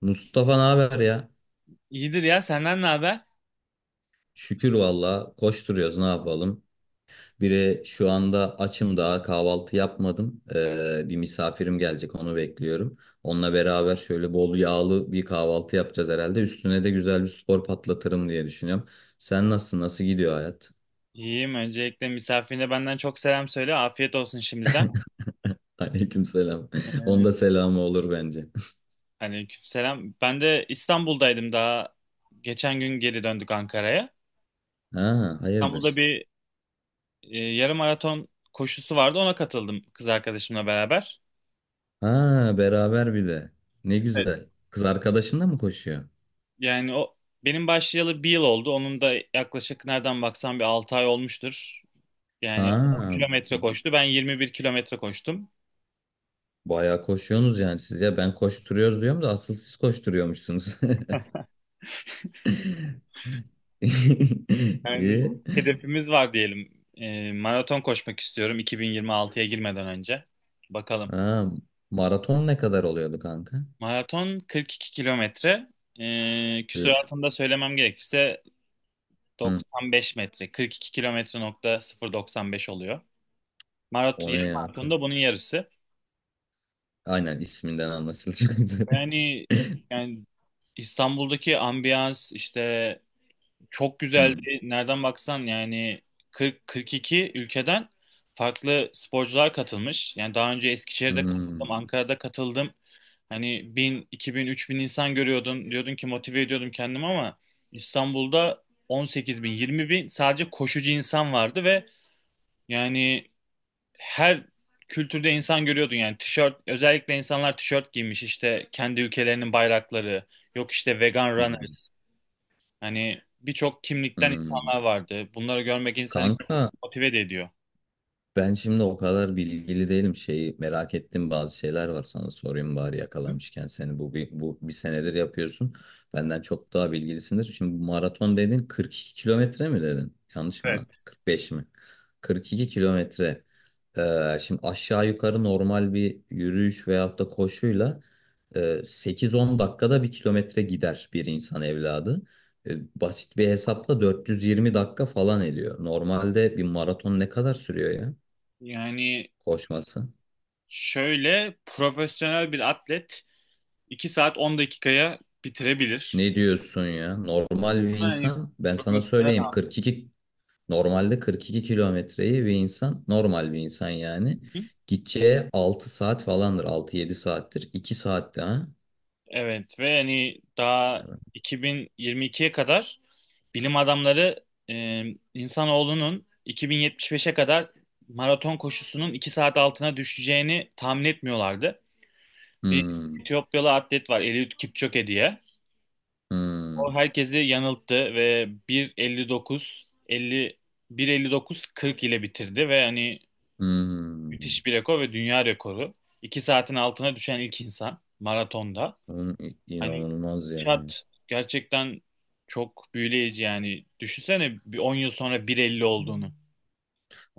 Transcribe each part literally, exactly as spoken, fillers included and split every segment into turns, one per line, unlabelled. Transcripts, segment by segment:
Mustafa ne haber ya?
İyidir ya senden ne haber?
Şükür valla koşturuyoruz ne yapalım. Biri şu anda açım daha kahvaltı yapmadım. Ee, bir misafirim gelecek onu bekliyorum. Onunla beraber şöyle bol yağlı bir kahvaltı yapacağız herhalde. Üstüne de güzel bir spor patlatırım diye düşünüyorum. Sen nasılsın? Nasıl gidiyor hayat?
İyiyim. Öncelikle misafirine benden çok selam söyle. Afiyet olsun şimdiden.
Aleykümselam.
Ee,
Onda selamı olur bence.
aleykümselam. Ben de İstanbul'daydım daha. Geçen gün geri döndük Ankara'ya.
Ha,
İstanbul'da
hayırdır?
bir e, yarım maraton koşusu vardı. Ona katıldım kız arkadaşımla beraber.
Ha, beraber bir de. Ne
Evet.
güzel. Kız arkadaşınla mı koşuyor?
Yani o benim başlayalı bir yıl oldu. Onun da yaklaşık nereden baksan bir altı ay olmuştur. Yani on
Ha,
kilometre koştu. Ben yirmi bir kilometre koştum.
bayağı koşuyorsunuz yani siz, ya ben koşturuyoruz diyorum da asıl siz koşturuyormuşsunuz.
Yani
İyi.
hedefimiz var diyelim. Ee, maraton koşmak istiyorum iki bin yirmi altıya girmeden önce. Bakalım.
Ha, maraton ne kadar oluyordu kanka?
Maraton kırk iki kilometre. Ee,
Üf.
küsuratını da söylemem gerekirse
Hı.
doksan beş metre. kırk iki kilometre nokta sıfır virgül doksan beş oluyor. Maraton,
O ne
yarım
ya?
maraton
Kı-
da bunun yarısı.
Aynen isminden anlaşılacak üzere.
Yani yani İstanbul'daki ambiyans işte çok
Hı.
güzeldi. Nereden baksan yani kırk kırk iki ülkeden farklı sporcular katılmış. Yani daha önce Eskişehir'de katıldım,
Hı.
Ankara'da katıldım. Hani bin, iki bin, üç bin insan görüyordun. Diyordun ki motive ediyordum kendimi, ama İstanbul'da on sekiz bin, yirmi bin sadece koşucu insan vardı ve yani her kültürde insan görüyordun. Yani tişört, özellikle insanlar tişört giymiş işte kendi ülkelerinin bayrakları. Yok işte vegan
Hı.
runners. Hani birçok kimlikten
Hı.
insanlar vardı. Bunları görmek insanı
Kanka,
gerçekten motive de ediyor.
ben şimdi o kadar bilgili değilim. Şeyi merak ettim, bazı şeyler var sana sorayım bari
Hı?
yakalamışken seni, bu bir, bu bir senedir yapıyorsun. Benden çok daha bilgilisindir. Şimdi bu maraton dedin kırk iki kilometre mi dedin? Yanlış mı,
Evet.
kırk beş mi? Kırk iki kilometre. Ee, şimdi aşağı yukarı normal bir yürüyüş veyahut da koşuyla e, sekiz on dakikada bir kilometre gider bir insan evladı. E, basit bir hesapla dört yüz yirmi dakika falan ediyor. Normalde bir maraton ne kadar sürüyor ya,
Yani
koşması?
şöyle profesyonel bir atlet iki saat on dakikaya bitirebilir.
Ne diyorsun ya? Normal bir
Yani
insan, ben sana
profesyonel.
söyleyeyim kırk iki, normalde kırk iki kilometreyi bir insan, normal bir insan yani
Hı.
gideceği altı saat falandır, altı yedi saattir, iki saatte ha.
Evet ve hani daha
Evet.
iki bin yirmi ikiye kadar bilim adamları e, insanoğlunun iki bin yetmiş beşe kadar maraton koşusunun iki saat altına düşeceğini tahmin etmiyorlardı. Bir
Hmm,
Etiyopyalı atlet var, Eliud Kipchoge diye. O
hmm,
herkesi yanılttı ve bir elli dokuz elli, bir elli dokuz kırk ile bitirdi ve hani
hmm.
müthiş bir rekor ve dünya rekoru. iki saatin altına düşen ilk insan maratonda.
Oğlum, i-
Hani
inanılmaz ya.
şart, gerçekten çok büyüleyici yani. Düşünsene bir on yıl sonra bir elli olduğunu.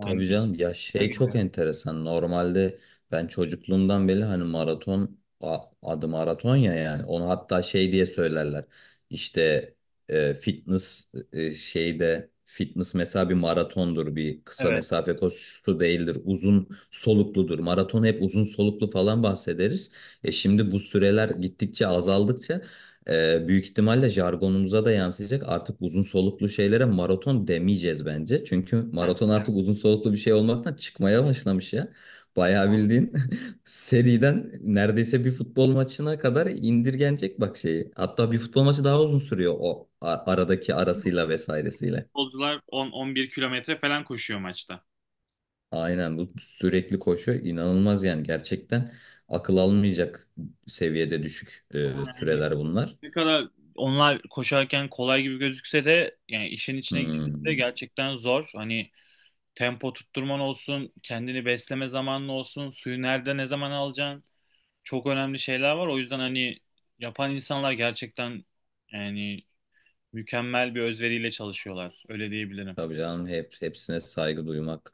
Tabii canım ya, şey çok enteresan. Normalde ben çocukluğumdan beri hani maraton, a- adı maraton ya, yani onu hatta şey diye söylerler. İşte e, fitness, e, şeyde fitness mesela bir maratondur, bir kısa
evet.
mesafe koşusu değildir, uzun solukludur. Maraton hep uzun soluklu falan bahsederiz. E şimdi bu süreler gittikçe azaldıkça ee, büyük ihtimalle jargonumuza da yansıyacak. Artık uzun soluklu şeylere maraton demeyeceğiz bence. Çünkü
He.
maraton artık uzun soluklu bir şey olmaktan çıkmaya başlamış ya. Bayağı bildiğin seriden neredeyse bir futbol maçına kadar indirgenecek bak şeyi. Hatta bir futbol maçı daha uzun sürüyor, o a- aradaki arasıyla vesairesiyle.
Futbolcular on on bir kilometre falan koşuyor maçta.
Aynen, bu sürekli koşu inanılmaz yani, gerçekten akıl almayacak seviyede düşük e,
Ama yani
süreler bunlar.
ne kadar onlar koşarken kolay gibi gözükse de yani işin içine girdiğinde
Hmm.
gerçekten zor. Hani tempo tutturman olsun, kendini besleme zamanın olsun, suyu nerede ne zaman alacaksın. Çok önemli şeyler var. O yüzden hani yapan insanlar gerçekten yani mükemmel bir özveriyle çalışıyorlar. Öyle diyebilirim.
Tabii canım, hep, hepsine saygı duymak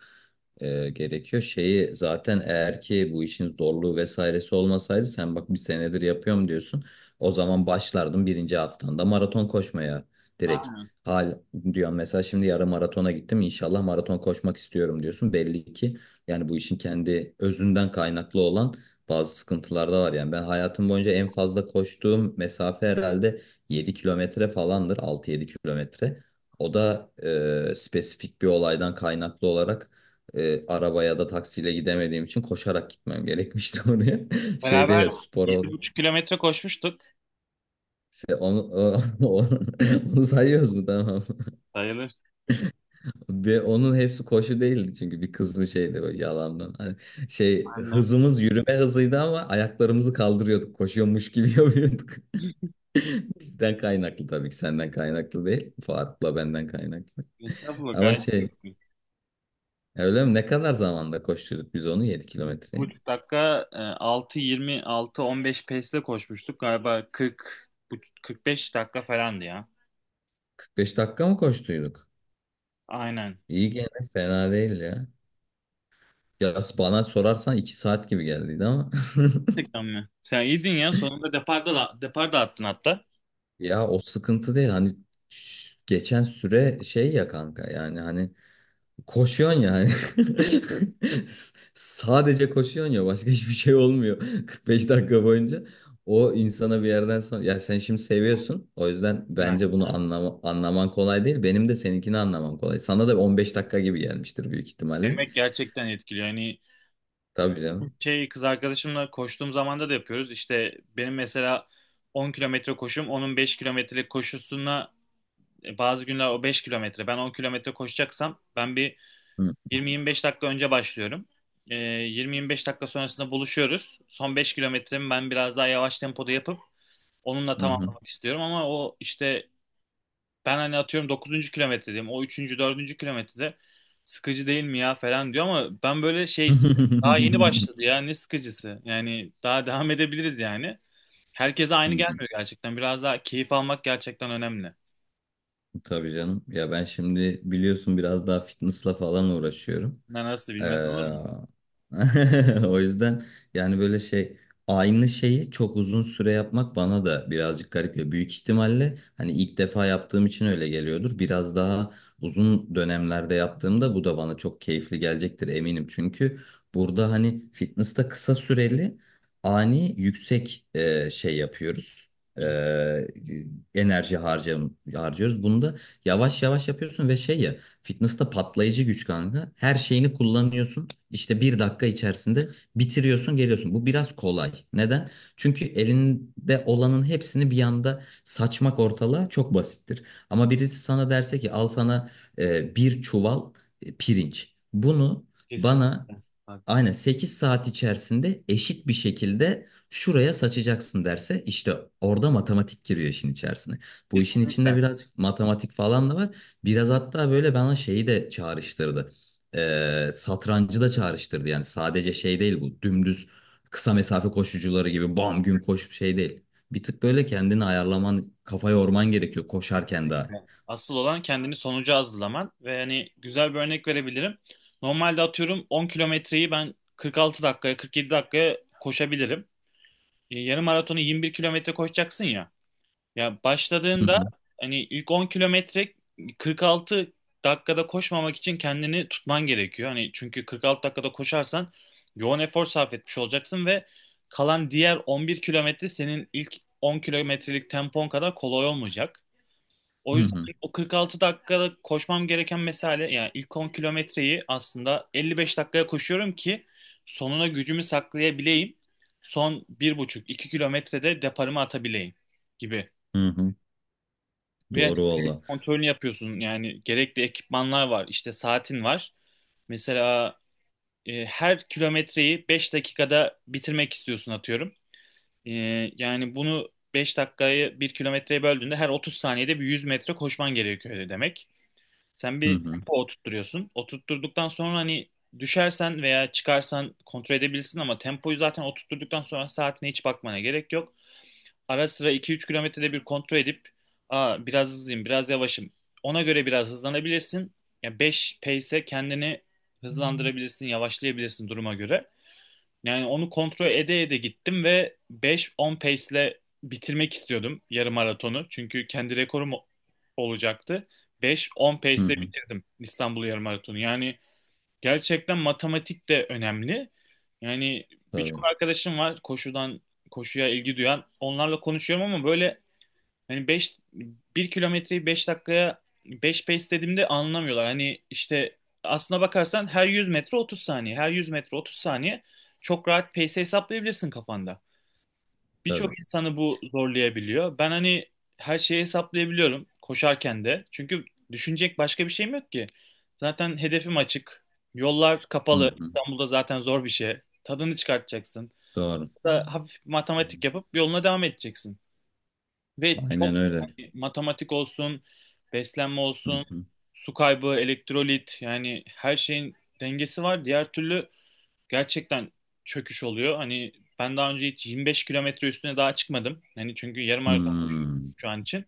e, gerekiyor. Şeyi zaten, eğer ki bu işin zorluğu vesairesi olmasaydı, sen bak bir senedir yapıyorum diyorsun. O zaman başlardım birinci haftanda maraton koşmaya direkt.
Aa,
Hal diyorum mesela, şimdi yarım maratona gittim, inşallah maraton koşmak istiyorum diyorsun. Belli ki yani bu işin kendi özünden kaynaklı olan bazı sıkıntılar da var. Yani ben hayatım boyunca en fazla koştuğum mesafe herhalde yedi kilometre falandır, altı yedi kilometre. O da e, spesifik bir olaydan kaynaklı olarak, e, arabaya da taksiyle gidemediğim için koşarak gitmem gerekmişti oraya.
beraber
Şeyde spor
yedi
ol-
buçuk kilometre koşmuştuk.
Şey, onu, o- onu, onu sayıyoruz mu, tamam.
Sayılır.
Ve onun hepsi koşu değildi çünkü bir kısmı şeydi böyle, yalandan. Hani şey,
Benden.
hızımız yürüme hızıydı ama ayaklarımızı kaldırıyorduk. Koşuyormuş gibi yapıyorduk. Bizden kaynaklı tabii ki, senden kaynaklı değil. Fuat'la benden kaynaklı.
Estağfurullah,
Ama
gayet
şey,
iyi.
öyle mi? Ne kadar zamanda koşturduk biz onu yedi
Bir
kilometreyi?
buçuk dakika e, altı yirmi altı on beş pace'le koşmuştuk. Galiba kırk bu- beş dakika falandı ya.
Kırk beş dakika mı koştuyduk?
Aynen.
İyi, gene fena değil ya. Ya bana sorarsan iki saat gibi geldiydi ama.
Gerçekten mi? Sen iyiydin ya. Sonunda deparda da, depar da attın hatta.
Ya o sıkıntı değil hani, ş- geçen süre şey ya kanka, yani hani koşuyorsun yani. Sadece koşuyorsun ya, başka hiçbir şey olmuyor kırk beş dakika boyunca. O insana bir yerden sonra ya, sen şimdi seviyorsun. O yüzden bence
Ha,
bunu anlama, anlaman kolay değil. Benim de seninkini anlamam kolay. Sana da on beş dakika gibi gelmiştir büyük ihtimalle.
sevmek gerçekten etkiliyor. Yani
Tabii canım.
şey, kız arkadaşımla koştuğum zamanda da yapıyoruz. İşte benim mesela on kilometre koşum, onun beş kilometrelik koşusuna e, bazı günler o beş kilometre. Ben on kilometre koşacaksam ben bir
Hı
yirmi yirmi beş dakika önce başlıyorum. Ee, yirmi yirmi beş dakika sonrasında buluşuyoruz. Son beş kilometremi ben biraz daha yavaş tempoda yapıp onunla
hı. Hı.
tamamlamak istiyorum. Ama o işte, ben hani atıyorum dokuzuncu kilometredeyim. O üçüncü. dördüncü kilometrede sıkıcı değil mi ya falan diyor ama ben böyle şey hissediyorum. Daha yeni başladı ya, ne sıkıcısı. Yani daha devam edebiliriz yani. Herkese
Hı
aynı
hı.
gelmiyor gerçekten. Biraz daha keyif almak gerçekten önemli.
Tabii canım. Ya ben şimdi biliyorsun biraz daha fitnessla falan uğraşıyorum.
Ne, nasıl
Ee,
bilmez olur mu?
O yüzden yani böyle şey, aynı şeyi çok uzun süre yapmak bana da birazcık garip geliyor. Büyük ihtimalle hani ilk defa yaptığım için öyle geliyordur. Biraz daha uzun dönemlerde yaptığımda bu da bana çok keyifli gelecektir eminim. Çünkü burada hani fitness'ta kısa süreli ani yüksek e, şey yapıyoruz.
Hı hı.
Ee, enerji harcam harcıyoruz. Bunu da yavaş yavaş yapıyorsun ve şey ya, fitness'ta patlayıcı güç kanka. Her şeyini kullanıyorsun. İşte bir dakika içerisinde bitiriyorsun, geliyorsun. Bu biraz kolay. Neden? Çünkü elinde olanın hepsini bir anda saçmak ortalığa çok basittir. Ama birisi sana derse ki, al sana e, bir çuval e, pirinç. Bunu bana
Kesinlikle. Haklısın.
aynen sekiz saat içerisinde eşit bir şekilde şuraya saçacaksın derse, işte orada matematik giriyor işin içerisine. Bu işin içinde
Kesinlikle.
biraz matematik falan da var. Biraz hatta böyle bana şeyi de çağrıştırdı. Ee, satrancı da çağrıştırdı. Yani sadece şey değil, bu dümdüz kısa mesafe koşucuları gibi bam gün koşup şey değil. Bir tık böyle kendini ayarlaman, kafa yorman gerekiyor koşarken daha.
Kesinlikle. Asıl olan kendini sonuca hazırlaman ve hani güzel bir örnek verebilirim. Normalde atıyorum on kilometreyi ben kırk altı dakikaya, kırk yedi dakikaya koşabilirim. E, Yarım maratonu yirmi bir kilometre koşacaksın ya. Ya
Hı
başladığında
hı,
hani ilk on kilometre kırk altı dakikada koşmamak için kendini tutman gerekiyor. Hani çünkü kırk altı dakikada koşarsan yoğun efor sarf etmiş olacaksın ve kalan diğer on bir kilometre senin ilk on kilometrelik tempon kadar kolay olmayacak.
hı
O yüzden
hı,
o kırk altı dakikada koşmam gereken mesafe, yani ilk on kilometreyi aslında elli beş dakikaya koşuyorum ki sonuna gücümü saklayabileyim. Son bir buçuk iki kilometrede deparımı atabileyim gibi.
hı hı.
Ve yani
Doğru valla.
kontrolünü yapıyorsun yani, gerekli ekipmanlar var işte, saatin var. Mesela e, her kilometreyi beş dakikada bitirmek istiyorsun atıyorum. E, Yani bunu, beş dakikayı bir kilometreye böldüğünde her otuz saniyede bir yüz metre koşman gerekiyor demek. Sen
Hı
bir
hı,
tempo oturtturuyorsun. Oturtturduktan sonra hani düşersen veya çıkarsan kontrol edebilirsin ama tempoyu zaten oturtturduktan sonra saatine hiç bakmana gerek yok. Ara sıra iki üç kilometrede bir kontrol edip, aa, biraz hızlıyım, biraz yavaşım. Ona göre biraz hızlanabilirsin. Ya, beş pace'e kendini hızlandırabilirsin, yavaşlayabilirsin duruma göre. Yani onu kontrol ede ede gittim ve beş on pace'le bitirmek istiyordum yarım maratonu. Çünkü kendi rekorum o- olacaktı. beş on
hı
pace'le
hı.
bitirdim İstanbul yarım maratonu. Yani gerçekten matematik de önemli. Yani birçok
Tabii,
arkadaşım var koşudan, koşuya ilgi duyan. Onlarla konuşuyorum ama böyle, hani beş bir kilometreyi beş dakikaya beş pace dediğimde anlamıyorlar. Hani işte, aslına bakarsan her yüz metre otuz saniye, her yüz metre otuz saniye çok rahat pace hesaplayabilirsin kafanda.
tabii.
Birçok insanı bu zorlayabiliyor. Ben hani her şeyi hesaplayabiliyorum koşarken de. Çünkü düşünecek başka bir şeyim yok ki. Zaten hedefim açık. Yollar
Hı
kapalı.
hı.
İstanbul'da zaten zor bir şey. Tadını çıkartacaksın.
Doğru.
Da hafif matematik yapıp yoluna devam edeceksin. Ve
Aynen
çok
öyle.
hani matematik olsun, beslenme
Hı
olsun,
hı.
su kaybı, elektrolit, yani her şeyin dengesi var. Diğer türlü gerçekten çöküş oluyor. Hani ben daha önce hiç yirmi beş kilometre üstüne daha çıkmadım. Hani çünkü yarım maraton koşuyorum
Hmm,
şu an için.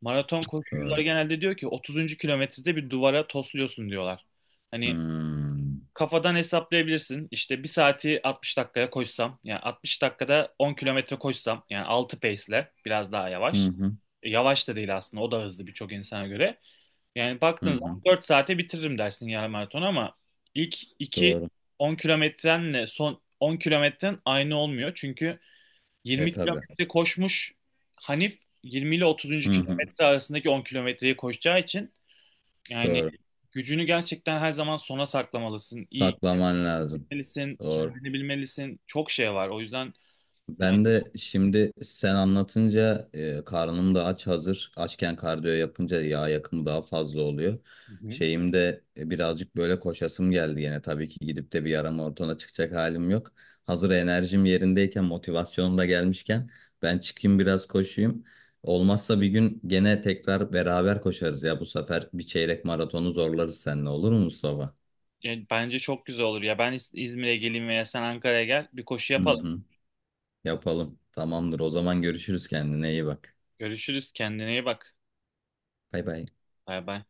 Maraton koşucular
doğru.
genelde diyor ki otuzuncu kilometrede bir duvara tosluyorsun diyorlar. Hani
Hmm.
kafadan hesaplayabilirsin. İşte bir saati altmış dakikaya koşsam, yani altmış dakikada on kilometre koşsam, yani altı pace'le biraz daha
Hı
yavaş.
hı.
E, Yavaş da değil aslında, o da hızlı birçok insana göre. Yani
Hı
baktığın
hı.
zaman dört saate bitiririm dersin yarım maraton ama ilk iki
Doğru.
on kilometrenle son on kilometren aynı olmuyor. Çünkü
E
yirmi
tabii.
kilometre koşmuş Hanif, yirmi ile otuzuncu
Hı hı.
kilometre arasındaki on kilometreyi koşacağı için yani
Doğru.
gücünü gerçekten her zaman sona saklamalısın. İyi
Saklaman lazım.
bilmelisin,
Doğru.
kendini bilmelisin. Çok şey var. O yüzden yani,
Ben de şimdi sen anlatınca, e, karnım da aç hazır. Açken kardiyo yapınca yağ yakımı daha fazla oluyor.
Hı hı,
Şeyim de e, birazcık böyle koşasım geldi yine. Tabii ki gidip de bir yarım maratona çıkacak halim yok. Hazır enerjim yerindeyken, motivasyonum da gelmişken ben çıkayım biraz koşayım. Olmazsa bir gün gene tekrar beraber koşarız ya. Bu sefer bir çeyrek maratonu zorlarız seninle, olur mu Mustafa?
yani bence çok güzel olur. Ya ben İz- İzmir'e geleyim veya sen Ankara'ya gel. Bir koşu
Hı
yapalım.
hı. Yapalım. Tamamdır. O zaman görüşürüz, kendine iyi bak.
Görüşürüz. Kendine iyi bak.
Bay bay.
Bay bay.